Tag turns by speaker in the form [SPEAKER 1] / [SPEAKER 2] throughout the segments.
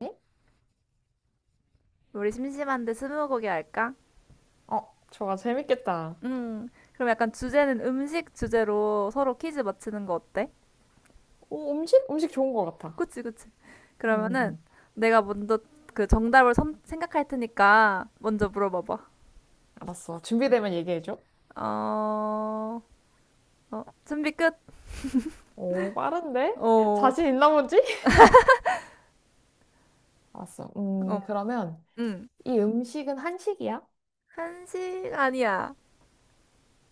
[SPEAKER 1] 네?
[SPEAKER 2] 우리 심심한데 스무고개 할까?
[SPEAKER 1] 어, 저거 재밌겠다.
[SPEAKER 2] 음, 그럼 약간 주제는 음식 주제로 서로 퀴즈 맞히는 거 어때?
[SPEAKER 1] 오, 음식? 음식 좋은 것 같아.
[SPEAKER 2] 그치, 그치.
[SPEAKER 1] 응, 응,
[SPEAKER 2] 그러면은
[SPEAKER 1] 응.
[SPEAKER 2] 내가 먼저 그 정답을 생각할 테니까 먼저 물어봐봐.
[SPEAKER 1] 알았어.
[SPEAKER 2] 음.
[SPEAKER 1] 준비되면 얘기해줘.
[SPEAKER 2] 어, 준비 끝?
[SPEAKER 1] 오, 빠른데?
[SPEAKER 2] 어,
[SPEAKER 1] 자신 있나 보지? 알았어.
[SPEAKER 2] 어,
[SPEAKER 1] 그러면
[SPEAKER 2] 응.
[SPEAKER 1] 이 음식은 한식이야?
[SPEAKER 2] 한식 아니야.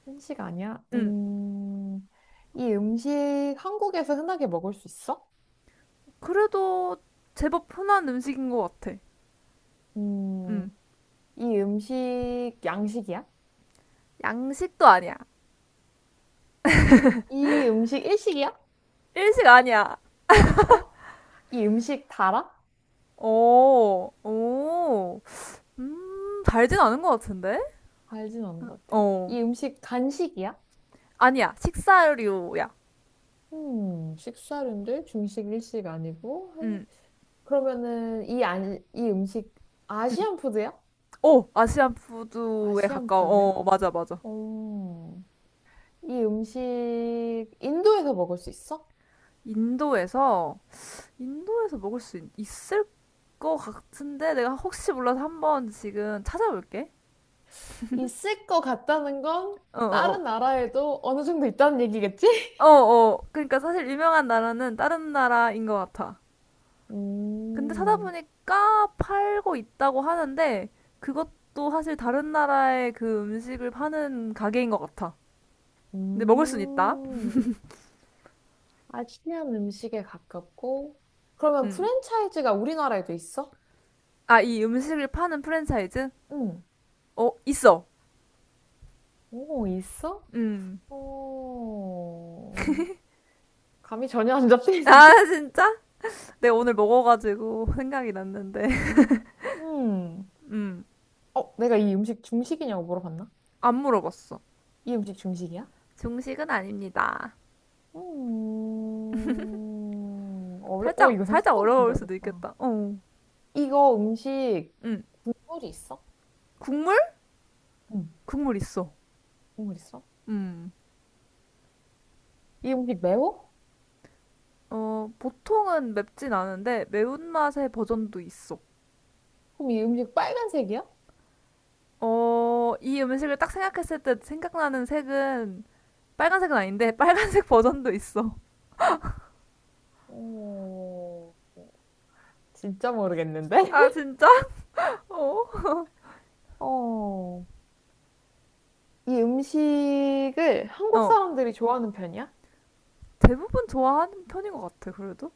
[SPEAKER 1] 한식 아니야?
[SPEAKER 2] 응.
[SPEAKER 1] 이 음식 한국에서 흔하게 먹을 수 있어?
[SPEAKER 2] 그래도 제법 흔한 음식인 것 같아.
[SPEAKER 1] 음,
[SPEAKER 2] 응.
[SPEAKER 1] 이 음식 양식이야?
[SPEAKER 2] 양식도 아니야.
[SPEAKER 1] 이 음식 일식이야?
[SPEAKER 2] 일식 아니야.
[SPEAKER 1] 어? 이 음식 달아?
[SPEAKER 2] 오, 오. 달진 않은 것 같은데?
[SPEAKER 1] 알진 않은 것 같아.
[SPEAKER 2] 어.
[SPEAKER 1] 이 음식 간식이야?
[SPEAKER 2] 아니야, 식사류야.
[SPEAKER 1] 식사류인데 중식 일식 아니고 한
[SPEAKER 2] 음,
[SPEAKER 1] 그러면은 이 아니 이 음식
[SPEAKER 2] 음.
[SPEAKER 1] 아시안 푸드야?
[SPEAKER 2] 오, 아시안 푸드에
[SPEAKER 1] 아시안
[SPEAKER 2] 가까워.
[SPEAKER 1] 푸드야?
[SPEAKER 2] 어, 맞아, 맞아.
[SPEAKER 1] 오, 이 음식 인도에서 먹을 수 있어?
[SPEAKER 2] 인도에서, 인도에서 먹을 수 있, 을것 같은데? 내가 혹시 몰라서 한번 지금 찾아볼게.
[SPEAKER 1] 있을 것 같다는 건
[SPEAKER 2] 어, 어,
[SPEAKER 1] 다른 나라에도 어느 정도 있다는 얘기겠지?
[SPEAKER 2] 어. 어. 그러니까 사실 유명한 나라는 다른 나라인 것 같아. 근데
[SPEAKER 1] 음,
[SPEAKER 2] 찾아보니까 팔고 있다고 하는데, 그것도 사실 다른 나라의 그 음식을 파는 가게인 것 같아. 근데 먹을 순 있다.
[SPEAKER 1] 음, 아시안 음식에 가깝고 그러면
[SPEAKER 2] 음.
[SPEAKER 1] 프랜차이즈가 우리나라에도 있어?
[SPEAKER 2] 아, 이 음식을 파는 프랜차이즈?
[SPEAKER 1] 응.
[SPEAKER 2] 어, 있어.
[SPEAKER 1] 오, 있어?
[SPEAKER 2] 음.
[SPEAKER 1] 어, 감이 전혀 안
[SPEAKER 2] 아,
[SPEAKER 1] 잡히는데?
[SPEAKER 2] 진짜? 내가 오늘 먹어가지고 생각이 났는데.
[SPEAKER 1] 음.
[SPEAKER 2] 음.
[SPEAKER 1] 어, 내가 이 음식 중식이냐고 물어봤나?
[SPEAKER 2] 안 물어봤어.
[SPEAKER 1] 이 음식 중식이야?
[SPEAKER 2] 중식은 아닙니다.
[SPEAKER 1] 음.
[SPEAKER 2] 살짝,
[SPEAKER 1] 이거
[SPEAKER 2] 살짝
[SPEAKER 1] 생각보다 진짜
[SPEAKER 2] 어려울 수도
[SPEAKER 1] 어렵다.
[SPEAKER 2] 있겠다. 어.
[SPEAKER 1] 이거 음식
[SPEAKER 2] 음.
[SPEAKER 1] 국물이 있어?
[SPEAKER 2] 국물?
[SPEAKER 1] 응,
[SPEAKER 2] 국물 있어.
[SPEAKER 1] 국물 있어?
[SPEAKER 2] 음.
[SPEAKER 1] 이 음식 매워?
[SPEAKER 2] 보통은 맵진 않은데 매운맛의 버전도 있어.
[SPEAKER 1] 그럼 이 음식 빨간색이야?
[SPEAKER 2] 어, 이 음식을 딱 생각했을 때 생각나는 색은 빨간색은 아닌데 빨간색 버전도 있어.
[SPEAKER 1] 어, 진짜 모르겠는데?
[SPEAKER 2] 아, 진짜? 어.
[SPEAKER 1] 어, 이 음식을 한국
[SPEAKER 2] 어.
[SPEAKER 1] 사람들이 좋아하는 편이야?
[SPEAKER 2] 대부분 좋아하는 편인 것 같아, 그래도.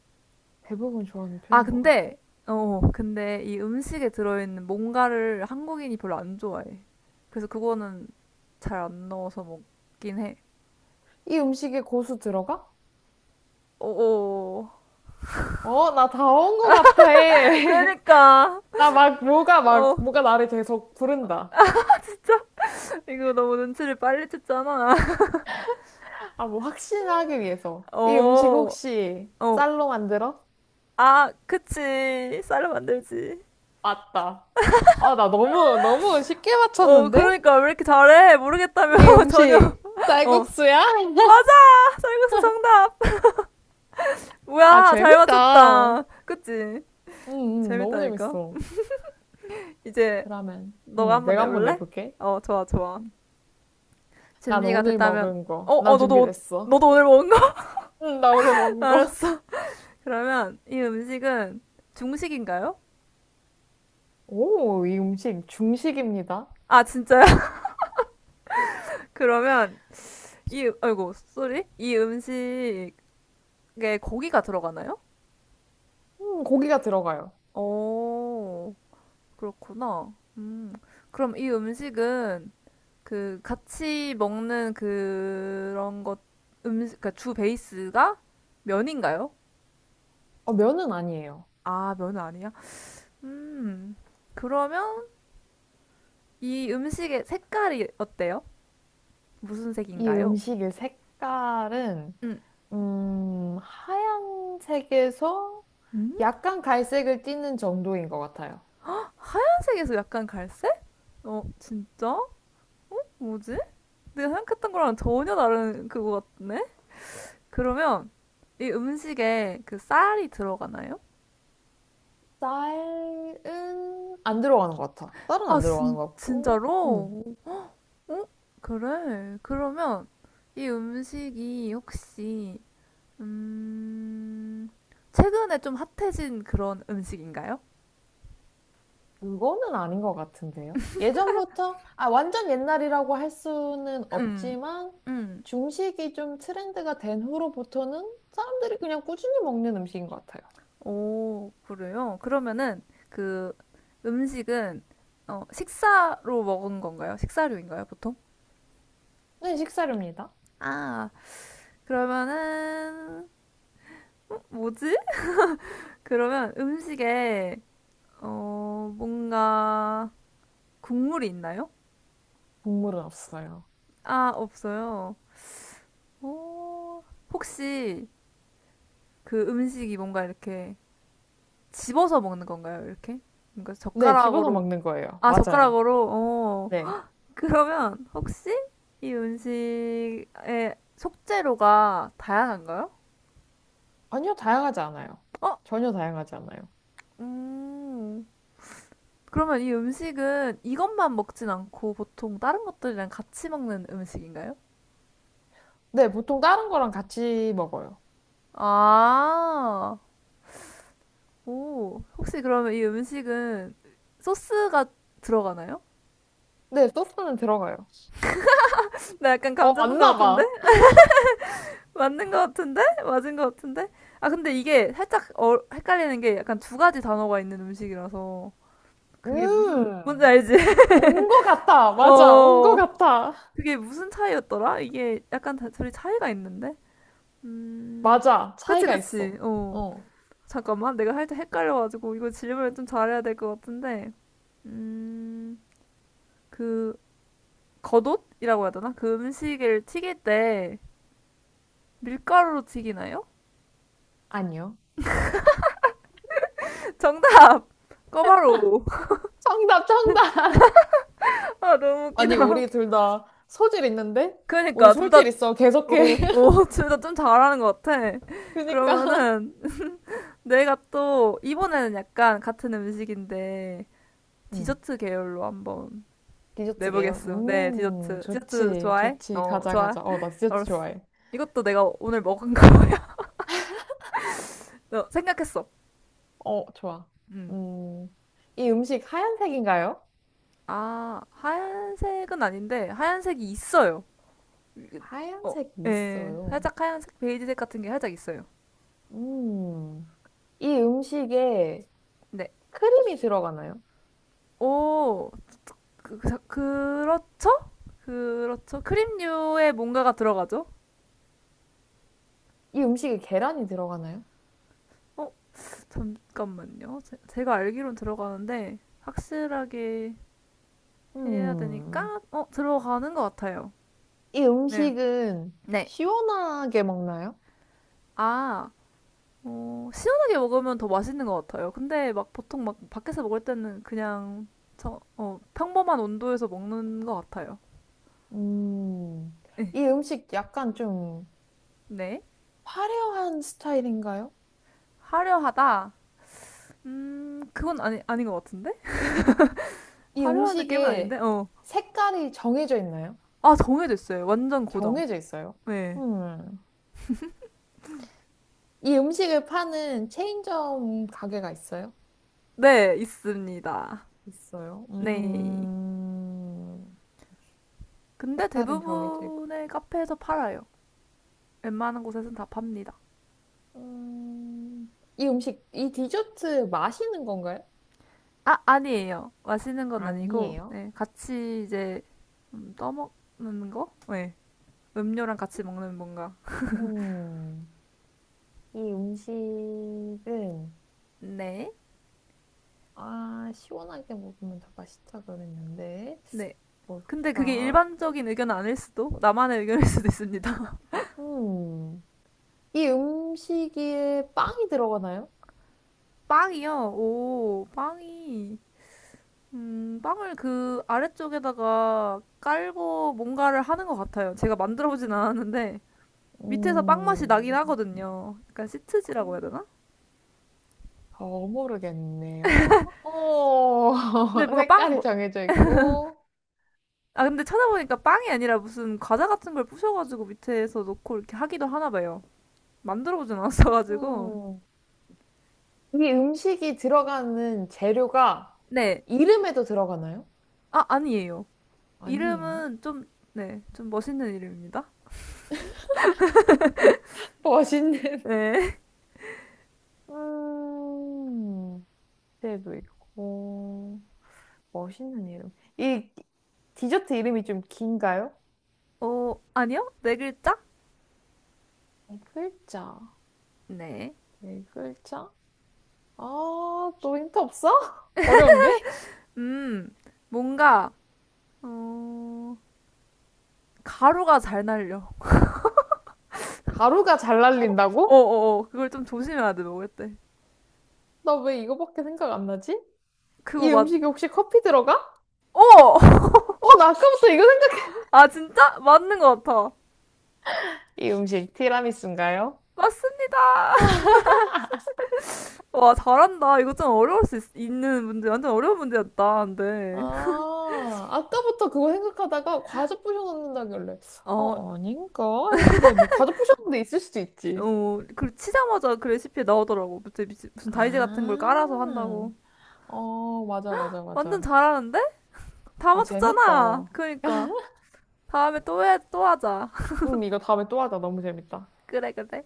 [SPEAKER 1] 대부분 좋아하는
[SPEAKER 2] 아,
[SPEAKER 1] 편인 것
[SPEAKER 2] 근데,
[SPEAKER 1] 같아.
[SPEAKER 2] 근데 이 음식에 들어있는 뭔가를 한국인이 별로 안 좋아해. 그래서 그거는 잘 안 넣어서 먹긴 해.
[SPEAKER 1] 이 음식에 고수 들어가?
[SPEAKER 2] 어, 어.
[SPEAKER 1] 어, 나 다 온 것 같아.
[SPEAKER 2] 그러니까.
[SPEAKER 1] 나 막, 뭐가
[SPEAKER 2] 어,
[SPEAKER 1] 막, 뭐가 나를 계속 부른다.
[SPEAKER 2] 이거 너무 눈치를 빨리 챘잖아.
[SPEAKER 1] 아, 뭐, 확신하기 위해서. 이 음식
[SPEAKER 2] 어,
[SPEAKER 1] 혹시
[SPEAKER 2] 어.
[SPEAKER 1] 쌀로 만들어?
[SPEAKER 2] 아, 그치. 쌀로 만들지.
[SPEAKER 1] 맞다. 아, 나 너무, 너무 쉽게
[SPEAKER 2] 어,
[SPEAKER 1] 맞췄는데?
[SPEAKER 2] 그러니까 왜 이렇게 잘해? 모르겠다며,
[SPEAKER 1] 이
[SPEAKER 2] 전혀.
[SPEAKER 1] 음식
[SPEAKER 2] 어.
[SPEAKER 1] 쌀국수야?
[SPEAKER 2] 맞아! 쌀국수 정답!
[SPEAKER 1] 아,
[SPEAKER 2] 뭐야, 잘
[SPEAKER 1] 재밌다. 응,
[SPEAKER 2] 맞췄다. 그치?
[SPEAKER 1] 응, 너무
[SPEAKER 2] 재밌다니까?
[SPEAKER 1] 재밌어.
[SPEAKER 2] 이제
[SPEAKER 1] 그러면,
[SPEAKER 2] 너가
[SPEAKER 1] 응,
[SPEAKER 2] 한번
[SPEAKER 1] 내가 한번
[SPEAKER 2] 내볼래?
[SPEAKER 1] 내볼게.
[SPEAKER 2] 어, 좋아, 좋아.
[SPEAKER 1] 난
[SPEAKER 2] 준비가
[SPEAKER 1] 오늘
[SPEAKER 2] 됐다면,
[SPEAKER 1] 먹은 거. 난
[SPEAKER 2] 너도,
[SPEAKER 1] 준비됐어.
[SPEAKER 2] 너도 오늘 먹은 거?
[SPEAKER 1] 응, 나 오늘 먹은 거.
[SPEAKER 2] 알았어. 그러면 이 음식은 중식인가요?
[SPEAKER 1] 오, 이 음식 중식입니다.
[SPEAKER 2] 아, 진짜요? 그러면 이, 아이고, 쏘리? 이 음식에 고기가 들어가나요?
[SPEAKER 1] 고기가 들어가요.
[SPEAKER 2] 오, 그렇구나. 그럼 이 음식은 그 같이 먹는 그런 것, 음식, 그러니까 주 베이스가 면인가요?
[SPEAKER 1] 어, 면은 아니에요.
[SPEAKER 2] 아, 면은 아니야? 음, 그러면 이 음식의 색깔이 어때요? 무슨
[SPEAKER 1] 이
[SPEAKER 2] 색인가요?
[SPEAKER 1] 음식의 색깔은,
[SPEAKER 2] 음,
[SPEAKER 1] 하얀색에서
[SPEAKER 2] 음,
[SPEAKER 1] 약간 갈색을 띠는 정도인 것 같아요.
[SPEAKER 2] 빨간색에서 약간 갈색? 어, 진짜? 뭐지? 내가 생각했던 거랑 전혀 다른 그거 같네? 그러면 이 음식에 그 쌀이 들어가나요?
[SPEAKER 1] 쌀은 안 들어가는 것 같아. 쌀은
[SPEAKER 2] 아,
[SPEAKER 1] 안 들어가는
[SPEAKER 2] 진,
[SPEAKER 1] 것 같고,
[SPEAKER 2] 진짜로? 어? 그래. 그러면 이 음식이 혹시, 음, 최근에 좀 핫해진 그런 음식인가요?
[SPEAKER 1] 그거는 아닌 것 같은데요. 예전부터, 아, 완전 옛날이라고 할 수는
[SPEAKER 2] 음,
[SPEAKER 1] 없지만,
[SPEAKER 2] 음.
[SPEAKER 1] 중식이 좀 트렌드가 된 후로부터는 사람들이 그냥 꾸준히 먹는 음식인 것 같아요.
[SPEAKER 2] 오, 그래요? 그러면은 그 음식은 어, 식사로 먹은 건가요? 식사류인가요, 보통?
[SPEAKER 1] 네, 식사료입니다.
[SPEAKER 2] 아, 그러면은 뭐지? 그러면 음식에 어, 뭔가 국물이 있나요?
[SPEAKER 1] 국물은 없어요.
[SPEAKER 2] 아, 없어요. 오, 혹시 그 음식이 뭔가 이렇게 집어서 먹는 건가요? 이렇게? 뭔가
[SPEAKER 1] 네, 집어서
[SPEAKER 2] 젓가락으로
[SPEAKER 1] 먹는 거예요.
[SPEAKER 2] 아,
[SPEAKER 1] 맞아요.
[SPEAKER 2] 젓가락으로? 어.
[SPEAKER 1] 네.
[SPEAKER 2] 그러면 혹시 이 음식의 속재료가 다양한가요?
[SPEAKER 1] 전혀 다양하지 않아요.
[SPEAKER 2] 어?
[SPEAKER 1] 전혀 다양하지 않아요.
[SPEAKER 2] 음. 그러면 이 음식은 이것만 먹진 않고 보통 다른 것들이랑 같이 먹는 음식인가요?
[SPEAKER 1] 네, 보통 다른 거랑 같이 먹어요.
[SPEAKER 2] 아, 오. 혹시 그러면 이 음식은 소스가 들어가나요?
[SPEAKER 1] 네, 소스는 들어가요.
[SPEAKER 2] 나 약간 감
[SPEAKER 1] 어,
[SPEAKER 2] 잡은 것
[SPEAKER 1] 맞나
[SPEAKER 2] 같은데?
[SPEAKER 1] 봐.
[SPEAKER 2] 맞는 것 같은데? 맞은 것 같은데? 아, 근데 이게 살짝 어, 헷갈리는 게 약간 두 가지 단어가 있는 음식이라서 그게 무슨, 뭔지
[SPEAKER 1] 음,
[SPEAKER 2] 알지?
[SPEAKER 1] 온 거 같아. 맞아, 온 거
[SPEAKER 2] 어,
[SPEAKER 1] 같아.
[SPEAKER 2] 그게 무슨 차이였더라? 이게 약간 다, 둘이 차이가 있는데? 음,
[SPEAKER 1] 맞아,
[SPEAKER 2] 그치,
[SPEAKER 1] 차이가
[SPEAKER 2] 그치.
[SPEAKER 1] 있어.
[SPEAKER 2] 어,
[SPEAKER 1] 어,
[SPEAKER 2] 잠깐만. 내가 살짝 헷갈려가지고, 이거 질문을 좀 잘해야 될 것 같은데. 음, 그, 겉옷이라고 해야 되나? 그 음식을 튀길 때 밀가루로 튀기나요?
[SPEAKER 1] 아니요.
[SPEAKER 2] 정답! 꿔바로우.
[SPEAKER 1] 정답, 정답.
[SPEAKER 2] 아, 너무 웃기다.
[SPEAKER 1] 아니, 우리 둘 다 소질 있는데? 우리
[SPEAKER 2] 그러니까, 둘 다,
[SPEAKER 1] 소질 있어.
[SPEAKER 2] 어,
[SPEAKER 1] 계속해.
[SPEAKER 2] 어, 둘 다 좀 잘하는 것 같아.
[SPEAKER 1] 그니까.
[SPEAKER 2] 그러면은, 내가 또, 이번에는 약간 같은 음식인데,
[SPEAKER 1] 음.
[SPEAKER 2] 디저트 계열로 한번
[SPEAKER 1] 디저트계요
[SPEAKER 2] 내보겠어. 네, 디저트. 디저트
[SPEAKER 1] 좋지,
[SPEAKER 2] 좋아해?
[SPEAKER 1] 좋지.
[SPEAKER 2] 어,
[SPEAKER 1] 가자,
[SPEAKER 2] 좋아.
[SPEAKER 1] 가자. 어, 나 디저트
[SPEAKER 2] 알았어.
[SPEAKER 1] 좋아해.
[SPEAKER 2] 이것도 내가 오늘 먹은 거야. 어, 생각했어.
[SPEAKER 1] 어, 좋아.
[SPEAKER 2] 음.
[SPEAKER 1] 음, 이 음식 하얀색인가요?
[SPEAKER 2] 아, 하얀색은 아닌데 하얀색이 있어요. 어,
[SPEAKER 1] 하얀색이
[SPEAKER 2] 예.
[SPEAKER 1] 있어요.
[SPEAKER 2] 살짝 하얀색, 베이지색 같은 게 살짝 있어요.
[SPEAKER 1] 음, 이 음식에
[SPEAKER 2] 네.
[SPEAKER 1] 크림이 들어가나요?
[SPEAKER 2] 오, 그렇죠? 그렇죠. 크림류에 뭔가가 들어가죠?
[SPEAKER 1] 이 음식에 계란이 들어가나요?
[SPEAKER 2] 어, 잠깐만요. 제가 알기론 들어가는데 확실하게 해야 되니까
[SPEAKER 1] 음,
[SPEAKER 2] 어 들어가는 것 같아요.
[SPEAKER 1] 이
[SPEAKER 2] 네.
[SPEAKER 1] 음식은
[SPEAKER 2] 네.
[SPEAKER 1] 시원하게 먹나요?
[SPEAKER 2] 아, 어, 시원하게 먹으면 더 맛있는 것 같아요. 근데 막 보통 막 밖에서 먹을 때는 그냥 저, 어, 평범한 온도에서 먹는 것 같아요.
[SPEAKER 1] 음,
[SPEAKER 2] 네.
[SPEAKER 1] 이 음식 약간 좀
[SPEAKER 2] 네.
[SPEAKER 1] 화려한 스타일인가요?
[SPEAKER 2] 화려하다. 그건 아니, 아닌 것 같은데?
[SPEAKER 1] 이
[SPEAKER 2] 화려한 느낌은 아닌데?
[SPEAKER 1] 음식에
[SPEAKER 2] 어.
[SPEAKER 1] 색깔이 정해져 있나요?
[SPEAKER 2] 아, 정해졌어요. 완전 고정.
[SPEAKER 1] 정해져 있어요.
[SPEAKER 2] 네.
[SPEAKER 1] 음. 이 음식을 파는 체인점 가게가 있어요?
[SPEAKER 2] 네, 있습니다.
[SPEAKER 1] 있어요.
[SPEAKER 2] 네.
[SPEAKER 1] 음.
[SPEAKER 2] 근데
[SPEAKER 1] 색깔은 정해져 있고.
[SPEAKER 2] 대부분의 카페에서 팔아요. 웬만한 곳에서는 다 팝니다.
[SPEAKER 1] 음. 이 디저트 마시는 건가요?
[SPEAKER 2] 아, 아니에요. 마시는 건 아니고,
[SPEAKER 1] 아니에요.
[SPEAKER 2] 네, 같이 이제 떠먹는 거? 네, 음료랑 같이 먹는 뭔가.
[SPEAKER 1] 음. 이 음식은
[SPEAKER 2] 네,
[SPEAKER 1] 아, 시원하게 먹으면 더 맛있다 그랬는데.
[SPEAKER 2] 네. 근데 그게
[SPEAKER 1] 뭘까?
[SPEAKER 2] 일반적인 의견은 아닐 수도, 나만의 의견일 수도 있습니다.
[SPEAKER 1] 음. 이 음식에 빵이 들어가나요?
[SPEAKER 2] 빵이요. 오, 빵이. 빵을 그 아래쪽에다가 깔고 뭔가를 하는 것 같아요. 제가 만들어보진 않았는데, 밑에서 빵 맛이 나긴
[SPEAKER 1] 음.
[SPEAKER 2] 하거든요. 약간 시트지라고 해야
[SPEAKER 1] 빵.
[SPEAKER 2] 되나?
[SPEAKER 1] 더 모르겠네요. 오,
[SPEAKER 2] 근데 뭔가 빵,
[SPEAKER 1] 색깔이
[SPEAKER 2] 뭐,
[SPEAKER 1] 정해져 있고,
[SPEAKER 2] 아, 근데 찾아보니까 빵이 아니라 무슨 과자 같은 걸 부셔가지고 밑에서 놓고 이렇게 하기도 하나 봐요. 만들어보진 않았어가지고.
[SPEAKER 1] 음, 이 음식이 들어가는 재료가
[SPEAKER 2] 네.
[SPEAKER 1] 이름에도 들어가나요?
[SPEAKER 2] 아, 아니에요.
[SPEAKER 1] 아니에요.
[SPEAKER 2] 이름은 좀, 네. 좀 멋있는 이름입니다.
[SPEAKER 1] 멋있는,
[SPEAKER 2] 네.
[SPEAKER 1] 음, 때도 있고, 멋있는 이름. 이 디저트 이름이 좀 긴가요?
[SPEAKER 2] 어, 아니요? 네 글자?
[SPEAKER 1] 네 글자,
[SPEAKER 2] 네.
[SPEAKER 1] 네 글자? 아, 또 힌트 없어? 어려운데?
[SPEAKER 2] 음, 뭔가, 어, 가루가 잘 날려.
[SPEAKER 1] 가루가 잘
[SPEAKER 2] 어, 어,
[SPEAKER 1] 날린다고?
[SPEAKER 2] 어. 어. 그걸 좀 조심해야 돼, 먹을 때.
[SPEAKER 1] 나 왜 이거밖에 생각 안 나지?
[SPEAKER 2] 그거
[SPEAKER 1] 이
[SPEAKER 2] 맞,
[SPEAKER 1] 음식에 혹시 커피 들어가?
[SPEAKER 2] 어!
[SPEAKER 1] 어, 나 아까부터 이거 생각해.
[SPEAKER 2] 아, 진짜? 맞는 것 같아.
[SPEAKER 1] 이 음식 티라미수인가요?
[SPEAKER 2] 맞습니다. 와, 잘한다. 이거 좀 어려울 수 있, 는 문제, 완전 어려운 문제였다. 근데,
[SPEAKER 1] 아, 아까부터 그거 생각하다가 과자 부셔 넣는다길래.
[SPEAKER 2] 어,
[SPEAKER 1] 어, 아닌가? 했는데, 뭐, 과자 부셔 넣는 데 있을 수도 있지.
[SPEAKER 2] 어, 그 치자마자 그 레시피에 나오더라고. 무슨, 무슨 다이제 같은 걸 깔아서
[SPEAKER 1] 아,
[SPEAKER 2] 한다고.
[SPEAKER 1] 어, 맞아, 맞아,
[SPEAKER 2] 완전
[SPEAKER 1] 맞아.
[SPEAKER 2] 잘하는데? 다
[SPEAKER 1] 아,
[SPEAKER 2] 맞췄잖아.
[SPEAKER 1] 재밌다.
[SPEAKER 2] 그러니까. 다음에 또 해, 또 하자.
[SPEAKER 1] 응, 이거 다음에 또 하자. 너무 재밌다.
[SPEAKER 2] 그래, 그래.